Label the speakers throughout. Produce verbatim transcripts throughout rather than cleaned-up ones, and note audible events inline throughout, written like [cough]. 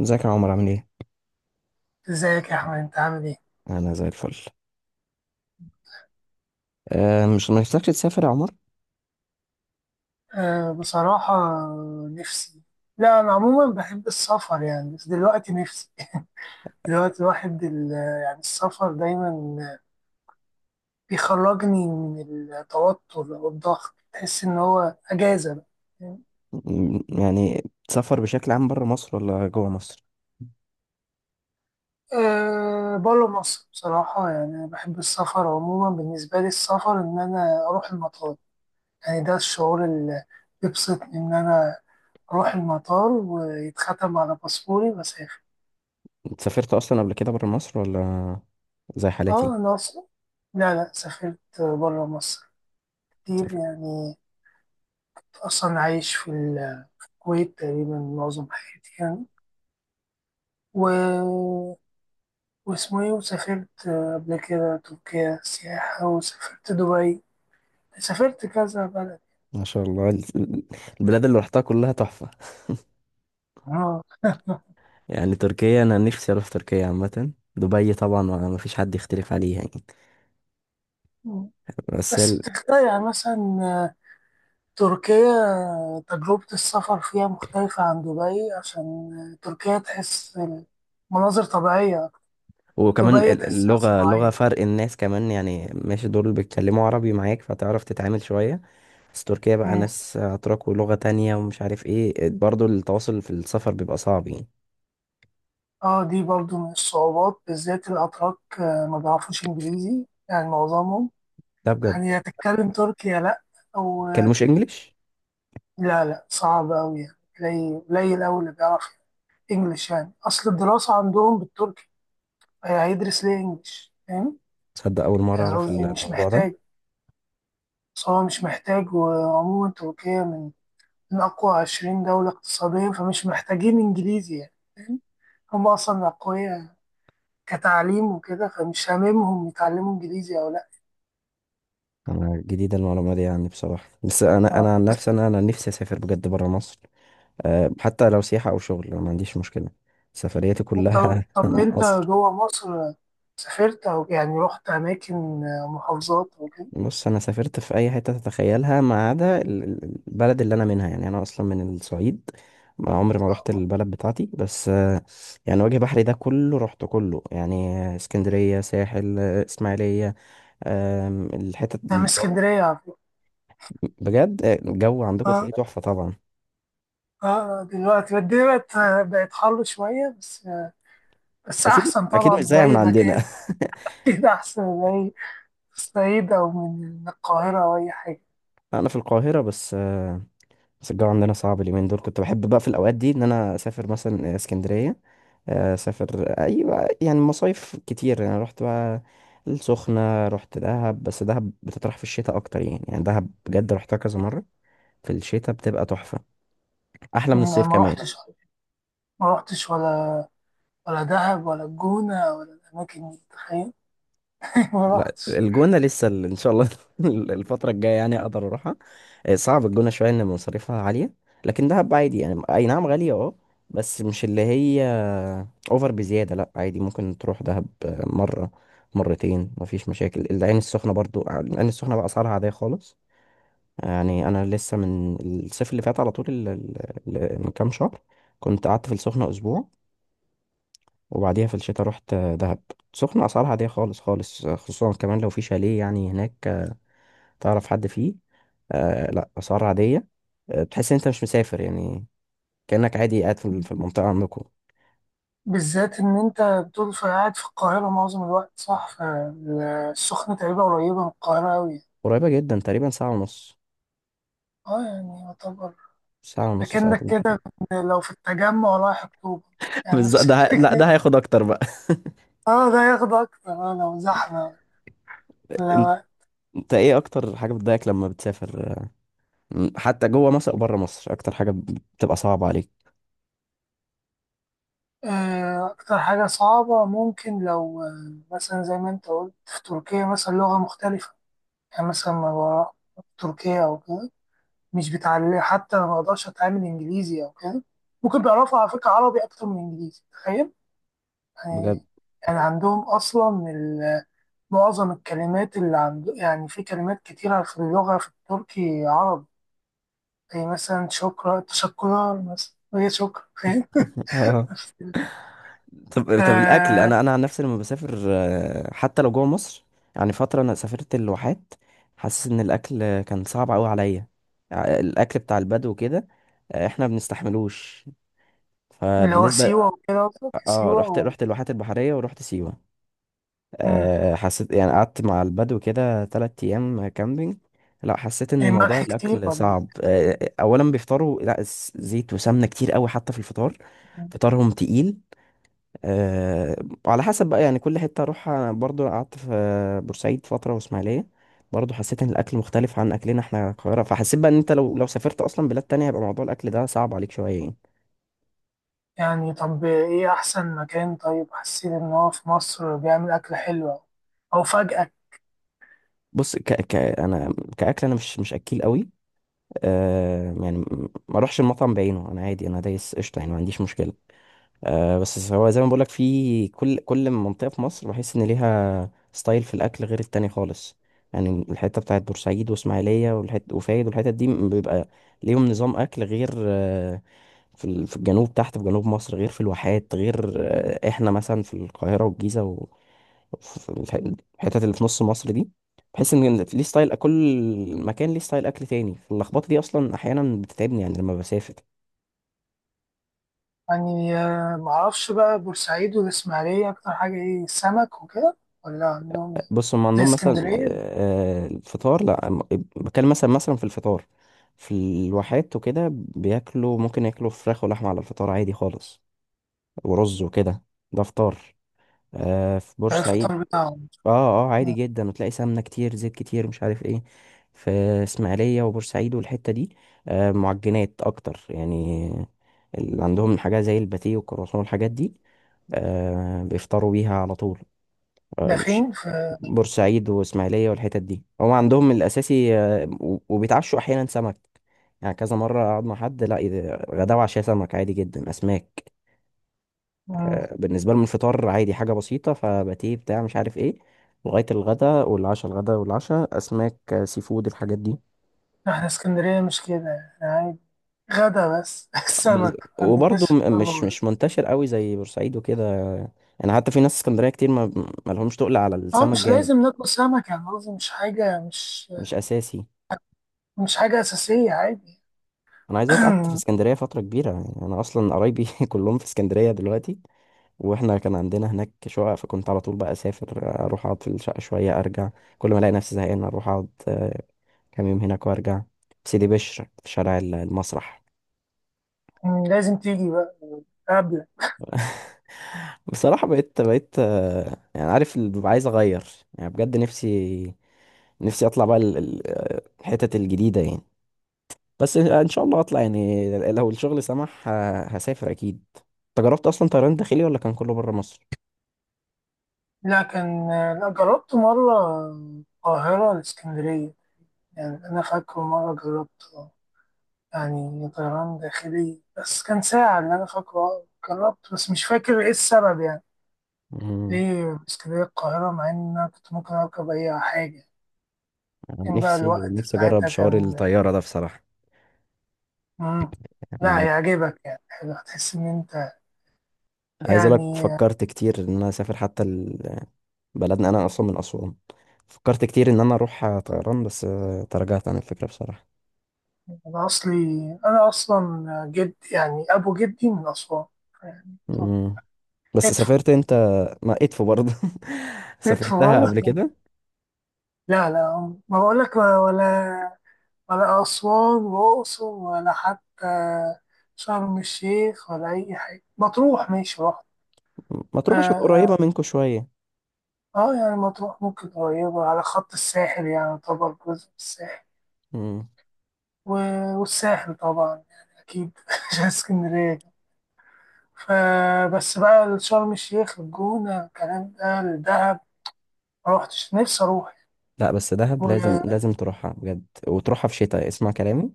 Speaker 1: ازيك يا عمر عامل ايه؟
Speaker 2: ازيك يا احمد، انت عامل ايه؟
Speaker 1: انا زي الفل. أه مش نفسكش تسافر يا عمر؟
Speaker 2: أه، بصراحة. نفسي. لا، انا عموما بحب السفر يعني، بس دلوقتي نفسي. دلوقتي الواحد ال- يعني السفر دايما بيخرجني من التوتر او الضغط، تحس ان هو اجازة بقى.
Speaker 1: م- يعني تسافر بشكل عام بره مصر ولا جوه مصر؟
Speaker 2: أه، بره مصر بصراحة. يعني أنا بحب السفر عموما، بالنسبة لي السفر إن أنا أروح المطار. يعني ده الشعور اللي بيبسطني، إن أنا أروح المطار ويتختم على باسبوري وأسافر.
Speaker 1: انت سافرت اصلا قبل كده بره مصر ولا زي حالاتي؟
Speaker 2: اه، الأقصر. لا، لا، سافرت برا مصر كتير
Speaker 1: سافرت.
Speaker 2: يعني. كنت أصلا عايش في الكويت تقريبا معظم حياتي يعني. و... واسمه ايه، وسافرت قبل كده تركيا سياحة، وسافرت دبي. سافرت كذا بلد.
Speaker 1: ما شاء الله ال- ال- البلاد اللي رحتها كلها تحفة.
Speaker 2: اه،
Speaker 1: [laughs] يعني تركيا انا نفسي اروح تركيا، عامة دبي طبعا ما ما فيش حد يختلف عليها يعني. بس
Speaker 2: بس
Speaker 1: ال...
Speaker 2: بتختلف يعني، مثلا تركيا تجربة السفر فيها مختلفة عن دبي، عشان تركيا تحس مناظر طبيعية.
Speaker 1: وكمان
Speaker 2: دبي
Speaker 1: ال-
Speaker 2: تحسها
Speaker 1: اللغة
Speaker 2: صناعية.
Speaker 1: لغة فرق الناس كمان، يعني ماشي دول بيتكلموا عربي معاك فتعرف تتعامل شوية. بس تركيا بقى ناس أتراك ولغة تانية ومش عارف ايه، برضو التواصل في السفر بيبقى صعب يعني.
Speaker 2: اه، دي برضو من الصعوبات، بالذات الأتراك، آه، ما بيعرفوش إنجليزي يعني معظمهم.
Speaker 1: ده بجد.
Speaker 2: يعني يا تتكلم تركي يا لأ، أو آه،
Speaker 1: مبيتكلموش انجليش؟
Speaker 2: لا، لا، صعب أوي يعني. قليل قليل أوي اللي بيعرف إنجليش، يعني أصل الدراسة عندهم بالتركي. هي- هيدرس ليه إنجليش، فاهم؟
Speaker 1: تصدق أول مرة
Speaker 2: يعني
Speaker 1: أعرف
Speaker 2: قصدي مش
Speaker 1: الموضوع ده.
Speaker 2: محتاج. بس هو مش محتاج، وعموما تركيا من من أقوى عشرين دولة اقتصاديا، فمش محتاجين إنجليزي، يعني فاهم. هم أصلا أقوياء كتعليم وكده، فمش هاممهم يتعلموا إنجليزي أو لأ.
Speaker 1: أنا جديدة المعلومة دي يعني بصراحة، بس أنا أنا عن نفسي أنا أنا نفسي أسافر بجد برا مصر. أه، حتى لو سياحة أو شغل أنا ما عنديش مشكلة. سفرياتي
Speaker 2: طب،
Speaker 1: كلها
Speaker 2: طب،
Speaker 1: [laughs]
Speaker 2: انت
Speaker 1: مصر.
Speaker 2: جوه مصر سافرت، او يعني رحت اماكن، محافظات وكده؟
Speaker 1: بص، أنا سافرت في أي حتة تتخيلها، ما عدا ال- ال- البلد اللي أنا منها، يعني أنا أصلا من الصعيد. ما عمري ما رحت البلد بتاعتي، بس يعني وجه بحري ده كله رحت كله يعني. اسكندرية، ساحل، اسماعيلية. آم، الحتت
Speaker 2: انا من
Speaker 1: اللي-
Speaker 2: اسكندريه على فكره.
Speaker 1: بجد آه، الجو عندكم
Speaker 2: اه،
Speaker 1: تلاقيه تحفة طبعا.
Speaker 2: اه، دلوقتي الدنيا بقت بقت حر شويه بس.
Speaker 1: بس
Speaker 2: بس
Speaker 1: اكيد
Speaker 2: احسن
Speaker 1: اكيد
Speaker 2: طبعا
Speaker 1: مش
Speaker 2: من
Speaker 1: زي من
Speaker 2: اي
Speaker 1: عندنا.
Speaker 2: مكان. [laughs]
Speaker 1: [laughs]
Speaker 2: اكيد احسن من اي الصعيد او من القاهره او اي حاجه.
Speaker 1: انا في القاهرة بس آه، بس الجو عندنا صعب اليومين دول، كنت بحب بقى في الاوقات دي ان انا اسافر مثلا اسكندرية. آه، اسافر، ايوه، يعني مصايف كتير، يعني رحت بقى السخنة، رحت دهب. بس دهب بتطرح في الشتاء اكتر يعني يعني دهب بجد رحتها كذا مرة. في الشتاء بتبقى تحفة، احلى من
Speaker 2: انا
Speaker 1: الصيف
Speaker 2: ما
Speaker 1: كمان.
Speaker 2: رحتش ما رحتش ولا ولا دهب ولا الجونه ولا الاماكن دي، تخيل. [laughs] ما
Speaker 1: لا
Speaker 2: رحتش.
Speaker 1: الجونة لسه ال- ان شاء الله [laughs] الفترة الجاية يعني اقدر اروحها. آه، صعب الجونة شوية ان مصاريفها عالية، لكن دهب عادي. يعني اي نعم غالية اه، بس مش اللي هي اوفر بزيادة، لا عادي ممكن تروح دهب آه، مرة، مرتين، مفيش مشاكل. العين السخنة برضو، العين السخنة بقى اسعارها عادية خالص. يعني انا لسه من الصيف اللي فات على طول ال- ال- ال- من كام شهر كنت قعدت في السخنة اسبوع، وبعديها في الشتاء رحت آه، دهب. سخنة أسعارها عادية خالص خالص، خصوصا كمان لو في شاليه يعني هناك تعرف حد فيه. آه لا، أسعار عادية. آه تحس إن أنت مش مسافر يعني كأنك عادي قاعد في ال- في المنطقة عندكم.
Speaker 2: بالذات إن أنت بتقول في قاعد في القاهرة معظم الوقت، صح؟ فالسخنة تقريبا قريبة من القاهرة أوي.
Speaker 1: قريبة جدا، تقريبا ساعة ونص.
Speaker 2: أه، يعني يعتبر
Speaker 1: ساعة ونص،
Speaker 2: أكنك
Speaker 1: ساعتين كتير.
Speaker 2: كده لو في التجمع رايح أكتوبر.
Speaker 1: [laughs]
Speaker 2: يعني
Speaker 1: بالظبط،
Speaker 2: نفس
Speaker 1: ده ه...
Speaker 2: الفكرة.
Speaker 1: لا ده هياخد اكتر بقى.
Speaker 2: أه، ده ياخد أكتر، أه لو زحمة،
Speaker 1: [laughs] انت
Speaker 2: لو
Speaker 1: انت ايه اكتر حاجه بتضايقك لما بتسافر؟ م- حتى جوه مصر او بره مصر، اكتر حاجه بتبقى صعبه عليك؟
Speaker 2: آه، أكتر حاجة صعبة، ممكن لو آه، مثلا زي ما أنت قلت في تركيا، مثلا لغة مختلفة. يعني مثلا ما بروح تركيا أو كده، مش بتعلم، حتى أنا ما أقدرش أتعامل إنجليزي أو كده. ممكن بيعرفوا على فكرة عربي أكتر من إنجليزي، تخيل يعني.
Speaker 1: بجد.
Speaker 2: يعني عندهم أصلا ال- معظم الكلمات اللي عند، يعني في كلمات كتيرة في اللغة، في التركي عربي. زي مثلا شكرا تشكرا، مثلا وهي شكرا، فاهم.
Speaker 1: [laughs]
Speaker 2: [laughs]
Speaker 1: طب طب الاكل.
Speaker 2: آه.
Speaker 1: انا انا عن نفسي لما بسافر آه، حتى لو جوه مصر، يعني فتره انا سافرت الواحات، حاسس ان الاكل كان صعب قوي عليا. ع- الاكل بتاع البدو كده آه، احنا بنستحملوش.
Speaker 2: اللي هو
Speaker 1: فبالنسبه،
Speaker 2: سيوة وكده، قصدك
Speaker 1: اه،
Speaker 2: سيوة
Speaker 1: رحت
Speaker 2: و...
Speaker 1: رحت الواحات البحريه ورحت سيوه.
Speaker 2: مم.
Speaker 1: آه، حسيت يعني قعدت مع البدو كده تلات ايام كامبينج. لا حسيت
Speaker 2: إيه،
Speaker 1: ان موضوع
Speaker 2: ملح كتير
Speaker 1: الاكل
Speaker 2: ولا
Speaker 1: صعب. آه، اولا بيفطروا، لا س- زيت وسمنه كتير قوي حتى في الفطار.
Speaker 2: إيه؟
Speaker 1: فطارهم تقيل. أه، على حسب بقى، يعني كل حتة أروحها، أنا برضو قعدت في بورسعيد فترة وإسماعيلية، برضو حسيت إن الأكل مختلف عن أكلنا إحنا القاهرة، فحسيت بقى إن أنت لو لو سافرت أصلا بلاد تانية هيبقى موضوع الأكل ده صعب عليك شوية يعني.
Speaker 2: يعني طب إيه أحسن مكان؟ طيب حسيت إن هو في مصر بيعمل أكل حلو، أو أو فجأة؟
Speaker 1: بص، ك ك أنا كأكل أنا مش مش أكيل قوي. أه يعني، م- ما أروحش المطعم بعينه، أنا عادي، أنا دايس قشطة يعني ما عنديش مشكلة. آه بس هو زي ما بقولك في كل كل منطقة في مصر بحس إن ليها ستايل في الأكل غير التاني خالص. يعني الحتة بتاعت بورسعيد وإسماعيلية والحت وفايد والحتت دي بيبقى ليهم نظام أكل غير. آه في ال- في الجنوب تحت، في جنوب مصر غير، في الواحات غير. آه إحنا مثلا في القاهرة والجيزة و- وفي الح- الحتت اللي في نص مصر دي، بحس إن ليه ستايل، كل مكان ليه ستايل أكل تاني. اللخبطة دي أصلا أحيانا بتتعبني يعني لما بسافر.
Speaker 2: يعني، آه، معرفش بقى، بورسعيد والإسماعيلية أكتر حاجة إيه، سمك وكده، ولا عندهم إيه؟
Speaker 1: بص هم
Speaker 2: زي
Speaker 1: عندهم مثلا
Speaker 2: اسكندرية؟
Speaker 1: آه، آه، الفطار، لا أم- بتكلم مثلا مثلا في الفطار في الواحات وكده بياكلوا، ممكن ياكلوا فراخ ولحمة على الفطار عادي خالص ورز وكده. ده فطار. آه، في
Speaker 2: ده
Speaker 1: بورسعيد.
Speaker 2: الفطار بتاعهم؟
Speaker 1: اه. اه، عادي
Speaker 2: مم.
Speaker 1: جدا، وتلاقي سمنة كتير زيت كتير مش عارف ايه. في اسماعيلية وبورسعيد والحتة دي آه، معجنات اكتر يعني، اللي عندهم حاجة زي الباتيه والكرواسون والحاجات دي آه، بيفطروا بيها على طول.
Speaker 2: ده فين في.
Speaker 1: بورسعيد واسماعيليه والحتت دي هم عندهم من الاساسي، آه، و- وبيتعشوا احيانا سمك، يعني كذا مره اقعد مع حد، لا إذا- غدا وعشاء سمك عادي جدا، اسماك.
Speaker 2: مم.
Speaker 1: آه، بالنسبه لهم الفطار عادي حاجه بسيطه، فباتيه بتاع مش عارف ايه. لغايه الغدا والعشاء، الغدا والعشاء اسماك آه، سي فود الحاجات دي.
Speaker 2: إحنا اسكندرية مش كده، إحنا عادي، غدا بس [laughs]
Speaker 1: بز...
Speaker 2: السمك.
Speaker 1: وبرضه
Speaker 2: مش.
Speaker 1: م- مش مش منتشر قوي زي بورسعيد وكده. يعني حتى في ناس اسكندريه كتير ما ما لهمش تقل على
Speaker 2: اه،
Speaker 1: السمك
Speaker 2: مش
Speaker 1: جامد،
Speaker 2: لازم ناكل سمك، يعني قصدي مش حاجة، مش
Speaker 1: مش اساسي.
Speaker 2: مش حاجة أساسية، عادي.
Speaker 1: انا عايز اقولك، قعدت في
Speaker 2: [clears throat]
Speaker 1: اسكندريه فتره كبيره، يعني انا اصلا قرايبي [laughs] كلهم في اسكندريه دلوقتي. واحنا كان عندنا هناك شقق، فكنت على طول بقى اسافر اروح اقعد في الشقه شويه ارجع، كل ما الاقي نفسي زهقان اروح اقعد آه، كام يوم هناك وارجع. في سيدي بشر في شارع ال- المسرح.
Speaker 2: مم، لازم تيجي بقى قبل.
Speaker 1: [laughs] بصراحه بقيت بقيت آه، يعني عارف اللي ببقى عايز اغير، يعني بجد نفسي نفسي اطلع بقى ال- ال- آه، الحتت الجديده يعني. بس ان شاء الله هطلع، يعني لو الشغل سمح ه- هسافر اكيد. انت جربت اصلا طيران داخلي ولا كان كله بره مصر؟
Speaker 2: لا، كان. لا، جربت مرة القاهرة الإسكندرية. يعني أنا فاكره مرة جربت، آه، يعني طيران داخلي، بس كان ساعة اللي أنا فاكره، آه، جربت، بس مش فاكر إيه السبب، يعني
Speaker 1: مم.
Speaker 2: ليه اسكندرية القاهرة، مع إن أنا كنت ممكن أركب أي حاجة.
Speaker 1: أنا
Speaker 2: كان بقى
Speaker 1: نفسي
Speaker 2: الوقت
Speaker 1: نفسي اجرب
Speaker 2: ساعتها
Speaker 1: شعور
Speaker 2: كان.
Speaker 1: الطياره ده بصراحه.
Speaker 2: مم. لا،
Speaker 1: مم.
Speaker 2: هيعجبك، يعني حلو، هتحس إن أنت.
Speaker 1: عايز اقول لك،
Speaker 2: يعني
Speaker 1: فكرت كتير ان انا اسافر حتى ال- بلدنا، انا اصلا من اسوان، فكرت كتير ان انا اروح طيران بس آه، تراجعت عن الفكره بصراحه.
Speaker 2: أنا أصلي، أنا أصلا جد يعني أبو جدي من أسوان. يعني طب
Speaker 1: مم. بس
Speaker 2: ندفو
Speaker 1: سافرت انت ما ادفو برضه؟ [laughs]
Speaker 2: ندفو
Speaker 1: سافرتها
Speaker 2: والله.
Speaker 1: قبل كده،
Speaker 2: لا، لا، ما بقولك، ولا ولا أسوان وأقصر، ولا حتى شرم الشيخ، ولا أي حاجة. مطروح ماشي رحت.
Speaker 1: ما
Speaker 2: آه،
Speaker 1: تروح عشان قريبه
Speaker 2: آه،
Speaker 1: منكم شويه.
Speaker 2: آه يعني مطروح ممكن قريبة على خط الساحل، يعني طبعا جزء من الساحل.
Speaker 1: مم.
Speaker 2: و- والساحل طبعا، يعني أكيد [laughs] عشان اسكندرية. فبس بقى شرم الشيخ، الجونة، الكلام ده، الدهب ما روحتش، نفسي أروح.
Speaker 1: لا بس دهب لازم
Speaker 2: و-
Speaker 1: لازم تروحها بجد، وتروحها في شتاء، اسمع كلامي.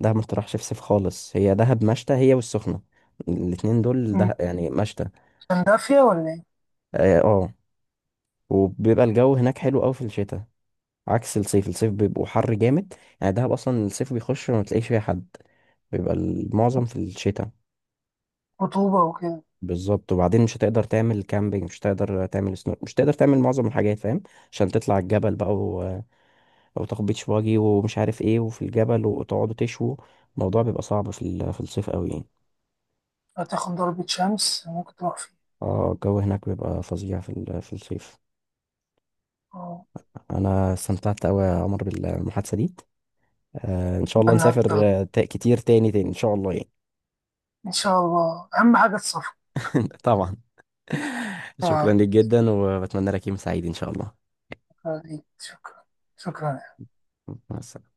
Speaker 1: دهب ما تروحش في صيف خالص، هي دهب مشتى، هي والسخنة الاتنين دول ده يعني مشتى.
Speaker 2: كان دافية ولا إيه؟
Speaker 1: اه، آه. وبيبقى الجو هناك حلو قوي في الشتاء، عكس الصيف. الصيف بيبقوا حر جامد. يعني دهب اصلا الصيف بيخش ما تلاقيش فيها حد، بيبقى المعظم في الشتاء.
Speaker 2: رطوبة وكده.
Speaker 1: بالظبط. وبعدين مش هتقدر تعمل كامبينج، مش هتقدر تعمل سنو، مش هتقدر تعمل معظم الحاجات فاهم، عشان تطلع الجبل بقى او تاخد بيتش باجي ومش عارف ايه وفي الجبل وتقعدوا تشوا. الموضوع بيبقى صعب في ال- في الصيف قوي يعني.
Speaker 2: هتاخد ضربة شمس، ممكن تروح فيه.
Speaker 1: اه الجو هناك بيبقى فظيع في ال- في الصيف.
Speaker 2: آه،
Speaker 1: انا استمتعت قوي يا عمر بالمحادثة دي. آه ان شاء الله
Speaker 2: وأنا
Speaker 1: نسافر
Speaker 2: أكتر.
Speaker 1: آه، تا- كتير تاني تاني ان شاء الله يعني.
Speaker 2: إن شاء الله، أهم حاجة السفر.
Speaker 1: [laughs] طبعا. [laughs] شكرا
Speaker 2: آه،
Speaker 1: ليك جدا، وبتمنى لك يوم سعيد ان شاء الله.
Speaker 2: شكرا ليك، شكرا، شكرا.
Speaker 1: مع السلامة.